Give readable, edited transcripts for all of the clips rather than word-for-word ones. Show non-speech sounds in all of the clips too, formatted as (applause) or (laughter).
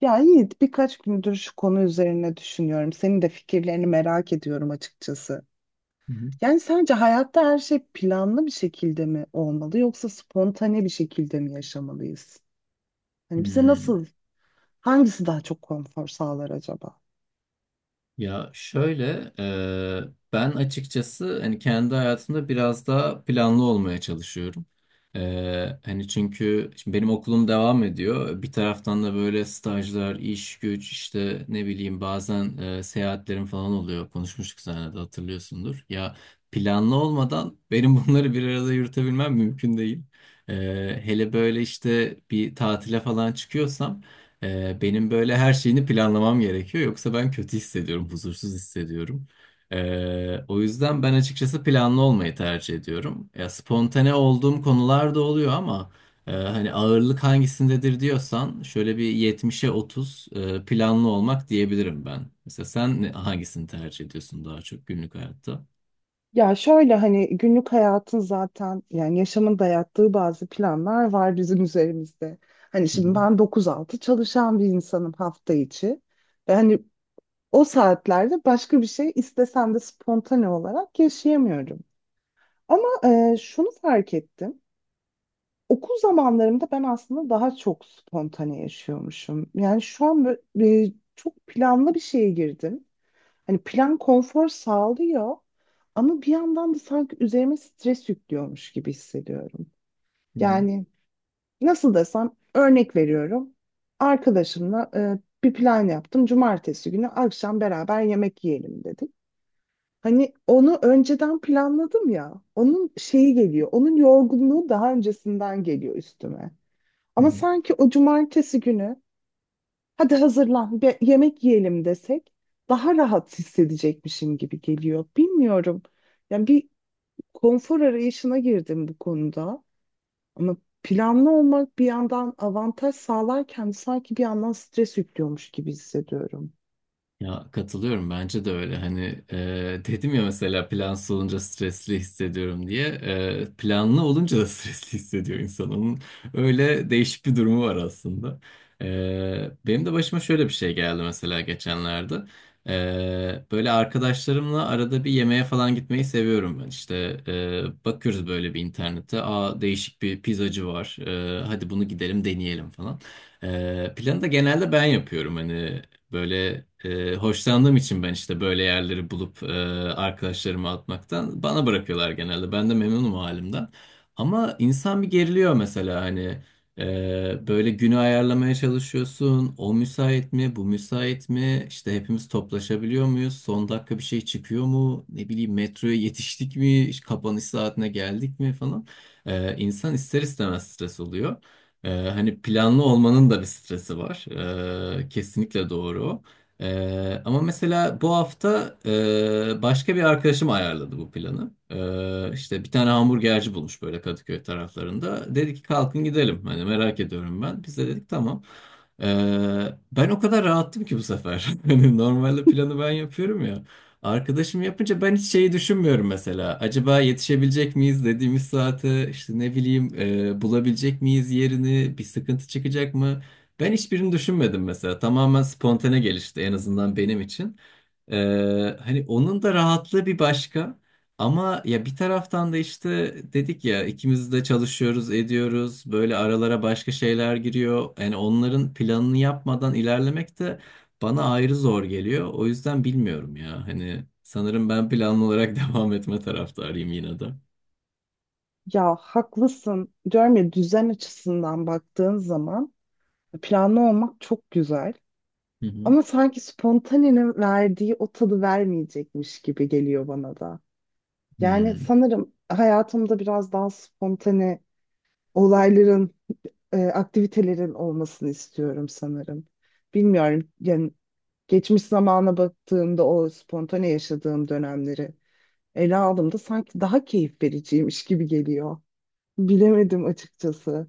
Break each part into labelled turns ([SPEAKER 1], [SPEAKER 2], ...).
[SPEAKER 1] Ya Yiğit, birkaç gündür şu konu üzerine düşünüyorum. Senin de fikirlerini merak ediyorum açıkçası.
[SPEAKER 2] Hı hı.
[SPEAKER 1] Yani sence hayatta her şey planlı bir şekilde mi olmalı yoksa spontane bir şekilde mi yaşamalıyız? Hani bize
[SPEAKER 2] Hmm.
[SPEAKER 1] nasıl, hangisi daha çok konfor sağlar acaba?
[SPEAKER 2] Ya şöyle ben açıkçası hani kendi hayatımda biraz daha planlı olmaya çalışıyorum. E, Hani çünkü şimdi benim okulum devam ediyor. Bir taraftan da böyle stajlar, iş güç işte ne bileyim bazen seyahatlerim falan oluyor. Konuşmuştuk seninle de hatırlıyorsundur. Ya planlı olmadan benim (laughs) bunları bir arada yürütebilmem mümkün değil. E, Hele böyle işte bir tatile falan çıkıyorsam benim böyle her şeyini planlamam gerekiyor. Yoksa ben kötü hissediyorum, huzursuz hissediyorum. O yüzden ben açıkçası planlı olmayı tercih ediyorum. Ya spontane olduğum konular da oluyor ama hani ağırlık hangisindedir diyorsan şöyle bir 70'e 30 planlı olmak diyebilirim ben. Mesela sen hangisini tercih ediyorsun daha çok günlük hayatta?
[SPEAKER 1] Ya şöyle, hani günlük hayatın zaten, yani yaşamın dayattığı bazı planlar var bizim üzerimizde. Hani
[SPEAKER 2] Hı
[SPEAKER 1] şimdi
[SPEAKER 2] hı.
[SPEAKER 1] ben 9-6 çalışan bir insanım hafta içi. Ve hani o saatlerde başka bir şey istesem de spontane olarak yaşayamıyorum. Ama şunu fark ettim. Okul zamanlarımda ben aslında daha çok spontane yaşıyormuşum. Yani şu an böyle, çok planlı bir şeye girdim. Hani plan konfor sağlıyor ama bir yandan da sanki üzerime stres yüklüyormuş gibi hissediyorum.
[SPEAKER 2] Hı hı.
[SPEAKER 1] Yani nasıl desem, örnek veriyorum. Arkadaşımla bir plan yaptım. Cumartesi günü akşam beraber yemek yiyelim dedik. Hani onu önceden planladım ya. Onun şeyi geliyor. Onun yorgunluğu daha öncesinden geliyor üstüme.
[SPEAKER 2] Hı
[SPEAKER 1] Ama
[SPEAKER 2] hı.
[SPEAKER 1] sanki o cumartesi günü hadi hazırlan bir yemek yiyelim desek daha rahat hissedecekmişim gibi geliyor. Bilmiyorum. Yani bir konfor arayışına girdim bu konuda. Ama planlı olmak bir yandan avantaj sağlarken sanki bir yandan stres yüklüyormuş gibi hissediyorum.
[SPEAKER 2] Ya katılıyorum bence de öyle hani dedim ya mesela plansız olunca stresli hissediyorum diye. Planlı olunca da (laughs) stresli hissediyor insan, onun öyle değişik bir durumu var aslında. E, Benim de başıma şöyle bir şey geldi mesela geçenlerde. Böyle arkadaşlarımla arada bir yemeğe falan gitmeyi seviyorum ben, işte bakıyoruz böyle bir internete, aa değişik bir pizzacı var. Hadi bunu gidelim deneyelim falan. Planı da genelde ben yapıyorum. Hani böyle hoşlandığım için ben işte böyle yerleri bulup arkadaşlarıma atmaktan, bana bırakıyorlar genelde. Ben de memnunum o halimden. Ama insan bir geriliyor mesela, hani böyle günü ayarlamaya çalışıyorsun. O müsait mi? Bu müsait mi? İşte hepimiz toplaşabiliyor muyuz? Son dakika bir şey çıkıyor mu? Ne bileyim, metroya yetiştik mi? İşte kapanış saatine geldik mi falan. İnsan ister istemez stres oluyor. Hani planlı olmanın da bir stresi var. Kesinlikle doğru. Ama mesela bu hafta başka bir arkadaşım ayarladı bu planı. İşte bir tane hamburgerci bulmuş böyle Kadıköy taraflarında. Dedi ki kalkın gidelim. Hani merak ediyorum ben. Biz de dedik tamam. Ee, Ben o kadar rahattım ki bu sefer. (laughs) Hani normalde planı ben yapıyorum ya. Arkadaşım yapınca ben hiç şeyi düşünmüyorum mesela. Acaba yetişebilecek miyiz dediğimiz saate, işte ne bileyim bulabilecek miyiz yerini, bir sıkıntı çıkacak mı? Ben hiçbirini düşünmedim mesela. Tamamen spontane gelişti, en azından benim için. E, Hani onun da rahatlığı bir başka. Ama ya bir taraftan da işte dedik ya, ikimiz de çalışıyoruz ediyoruz. Böyle aralara başka şeyler giriyor. Yani onların planını yapmadan ilerlemek de bana ayrı zor geliyor. O yüzden bilmiyorum ya. Hani sanırım ben planlı olarak (laughs) devam etme taraftarıyım yine de.
[SPEAKER 1] Ya haklısın. Diyorum ya, düzen açısından baktığın zaman planlı olmak çok güzel.
[SPEAKER 2] Hı hı.
[SPEAKER 1] Ama sanki spontanenin verdiği o tadı vermeyecekmiş gibi geliyor bana da. Yani
[SPEAKER 2] Hmm.
[SPEAKER 1] sanırım hayatımda biraz daha spontane olayların, aktivitelerin olmasını istiyorum sanırım. Bilmiyorum yani, geçmiş zamana baktığımda o spontane yaşadığım dönemleri ele aldığımda sanki daha keyif vericiymiş gibi geliyor. Bilemedim açıkçası.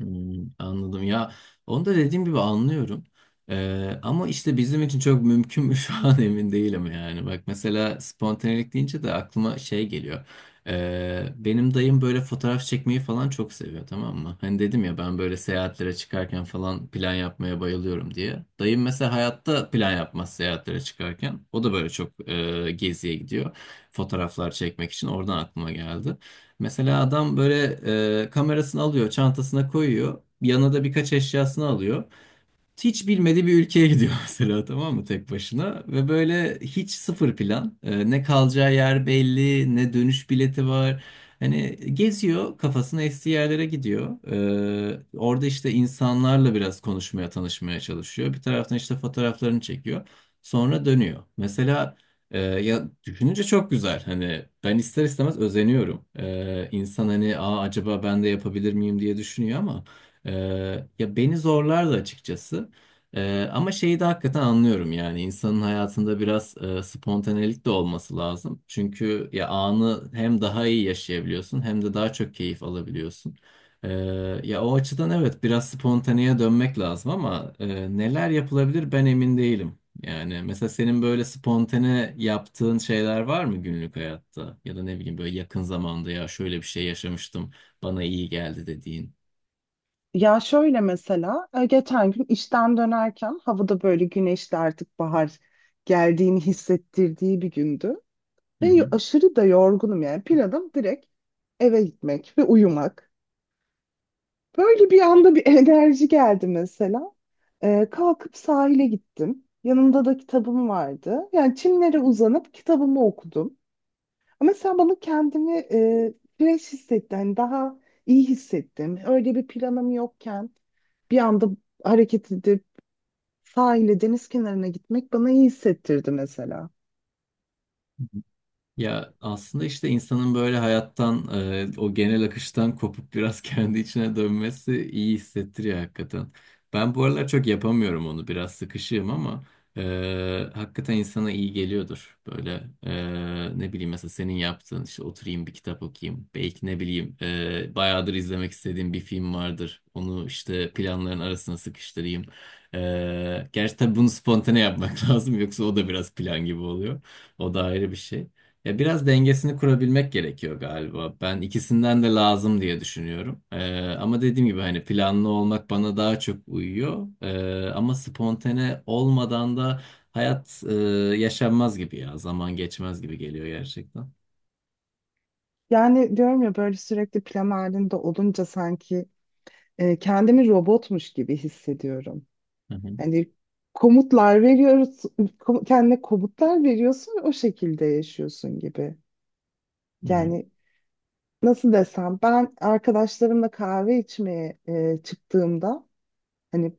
[SPEAKER 2] Hmm, anladım ya, onu da dediğim gibi anlıyorum. Ama işte bizim için çok mümkün mü (laughs) şu an emin değilim. Yani bak, mesela spontanelik deyince de aklıma şey geliyor. Benim dayım böyle fotoğraf çekmeyi falan çok seviyor, tamam mı? Hani dedim ya ben böyle seyahatlere çıkarken falan plan yapmaya bayılıyorum diye, dayım mesela hayatta plan yapmaz seyahatlere çıkarken. O da böyle çok geziye gidiyor fotoğraflar çekmek için, oradan aklıma geldi. Mesela adam böyle kamerasını alıyor, çantasına koyuyor. Yanına da birkaç eşyasını alıyor, hiç bilmediği bir ülkeye gidiyor (laughs) mesela, tamam mı, tek başına, ve böyle hiç sıfır plan. Ne kalacağı yer belli, ne dönüş bileti var. Hani geziyor, kafasına estiği yerlere gidiyor. Orada işte insanlarla biraz konuşmaya, tanışmaya çalışıyor, bir taraftan işte fotoğraflarını çekiyor, sonra dönüyor mesela. Ya düşününce çok güzel, hani ben ister istemez özeniyorum. İnsan hani, aa, acaba ben de yapabilir miyim diye düşünüyor ama ee, ya beni zorlardı açıkçası. Ama şeyi de hakikaten anlıyorum, yani insanın hayatında biraz spontanelik de olması lazım. Çünkü ya anı hem daha iyi yaşayabiliyorsun, hem de daha çok keyif alabiliyorsun. Ee, Ya o açıdan evet, biraz spontaneye dönmek lazım ama neler yapılabilir ben emin değilim. Yani mesela senin böyle spontane yaptığın şeyler var mı günlük hayatta? Ya da ne bileyim, böyle yakın zamanda ya şöyle bir şey yaşamıştım bana iyi geldi dediğin.
[SPEAKER 1] Ya şöyle, mesela geçen gün işten dönerken havada böyle güneşli, artık bahar geldiğini hissettirdiği bir gündü.
[SPEAKER 2] Hı
[SPEAKER 1] Ve
[SPEAKER 2] hı.
[SPEAKER 1] aşırı da yorgunum, yani planım direkt eve gitmek ve uyumak. Böyle bir anda bir (laughs) enerji geldi mesela. Kalkıp sahile gittim. Yanımda da kitabım vardı. Yani çimlere uzanıp kitabımı okudum. Ama sen bana, kendimi fresh hissettim. Yani daha iyi hissettim. Öyle bir planım yokken bir anda hareket edip sahile, deniz kenarına gitmek bana iyi hissettirdi mesela.
[SPEAKER 2] Ya aslında işte insanın böyle hayattan, o genel akıştan kopup biraz (laughs) kendi içine dönmesi iyi hissettiriyor hakikaten. Ben bu aralar çok yapamıyorum onu, biraz sıkışığım ama hakikaten insana iyi geliyordur. Böyle ne bileyim, mesela senin yaptığın, işte oturayım bir kitap okuyayım. Belki ne bileyim bayağıdır izlemek istediğim bir film vardır. Onu işte planların arasına sıkıştırayım. Gerçi tabii bunu spontane yapmak (laughs) lazım, yoksa o da biraz plan gibi oluyor. O da ayrı bir şey. Ya biraz dengesini kurabilmek gerekiyor galiba. Ben ikisinden de lazım diye düşünüyorum. Ama dediğim gibi hani planlı olmak bana daha çok uyuyor. Ama spontane olmadan da hayat yaşanmaz gibi ya. Zaman geçmez gibi geliyor gerçekten.
[SPEAKER 1] Yani diyorum ya, böyle sürekli plan halinde olunca sanki kendimi robotmuş gibi hissediyorum.
[SPEAKER 2] Hı hı,
[SPEAKER 1] Hani komutlar veriyoruz, kendine komutlar veriyorsun ve o şekilde yaşıyorsun gibi.
[SPEAKER 2] hı hı,
[SPEAKER 1] Yani nasıl desem, ben arkadaşlarımla kahve içmeye çıktığımda, hani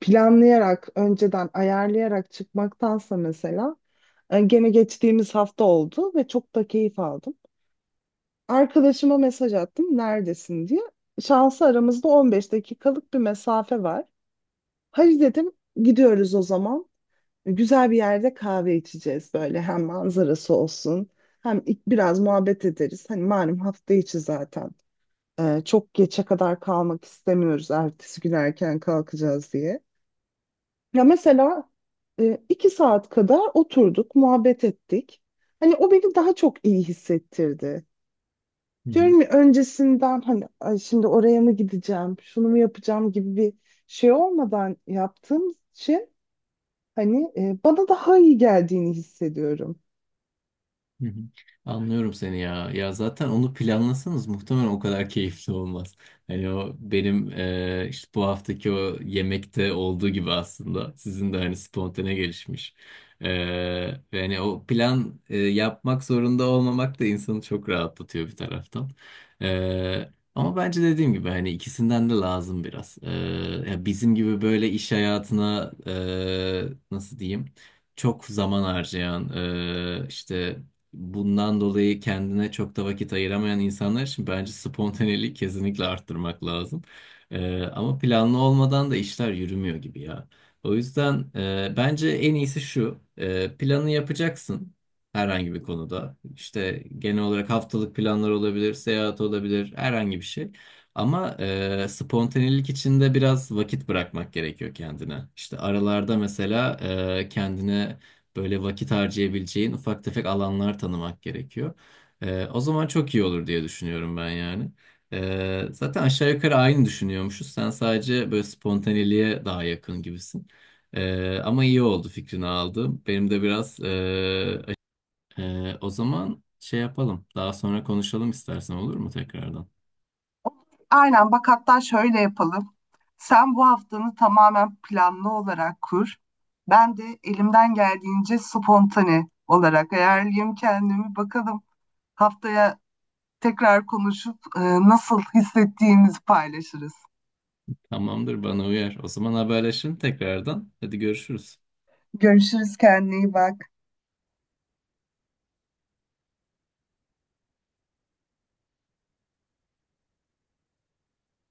[SPEAKER 1] planlayarak, önceden ayarlayarak çıkmaktansa, mesela gene geçtiğimiz hafta oldu ve çok da keyif aldım. Arkadaşıma mesaj attım neredesin diye. Şansı aramızda 15 dakikalık bir mesafe var. Hadi dedim, gidiyoruz o zaman. Güzel bir yerde kahve içeceğiz, böyle hem manzarası olsun hem ilk biraz muhabbet ederiz. Hani malum hafta içi zaten. Çok geçe kadar kalmak istemiyoruz, ertesi gün erken kalkacağız diye. Ya mesela iki saat kadar oturduk, muhabbet ettik. Hani o beni daha çok iyi hissettirdi.
[SPEAKER 2] hı hı.
[SPEAKER 1] Diyorum ya, öncesinden hani "Ay, şimdi oraya mı gideceğim, şunu mu yapacağım" gibi bir şey olmadan yaptığım için hani bana daha iyi geldiğini hissediyorum.
[SPEAKER 2] Hı hı. Anlıyorum seni ya. Ya zaten onu planlasanız muhtemelen o kadar (laughs) keyifli olmaz. Hani o benim işte bu haftaki o yemekte olduğu gibi, aslında sizin de hani spontane gelişmiş. E, Ve hani o plan yapmak zorunda olmamak da insanı çok rahatlatıyor bir taraftan. Ama bence dediğim gibi hani ikisinden de lazım biraz. Ya bizim gibi böyle iş hayatına nasıl diyeyim, çok zaman harcayan işte bundan dolayı kendine çok da vakit ayıramayan insanlar için bence spontaneliği kesinlikle arttırmak lazım. Ama planlı olmadan da işler yürümüyor gibi ya. O yüzden bence en iyisi şu: planı yapacaksın herhangi bir konuda. İşte genel olarak haftalık planlar olabilir, seyahat olabilir, herhangi bir şey. Ama spontanelik içinde biraz vakit bırakmak gerekiyor kendine. İşte aralarda mesela kendine böyle vakit harcayabileceğin ufak tefek alanlar tanımak gerekiyor. O zaman çok iyi olur diye düşünüyorum ben yani. Zaten aşağı yukarı aynı düşünüyormuşuz. Sen sadece böyle spontaneliğe daha yakın gibisin. Ama iyi oldu fikrini aldım. Benim de biraz o zaman şey yapalım. Daha sonra konuşalım istersen, olur mu tekrardan?
[SPEAKER 1] Aynen, bak, hatta şöyle yapalım. Sen bu haftanı tamamen planlı olarak kur. Ben de elimden geldiğince spontane olarak ayarlayayım kendimi. Bakalım haftaya tekrar konuşup nasıl hissettiğimizi paylaşırız.
[SPEAKER 2] Tamamdır, bana uyar. O zaman haberleşelim tekrardan. Hadi görüşürüz.
[SPEAKER 1] Görüşürüz, kendine iyi bak.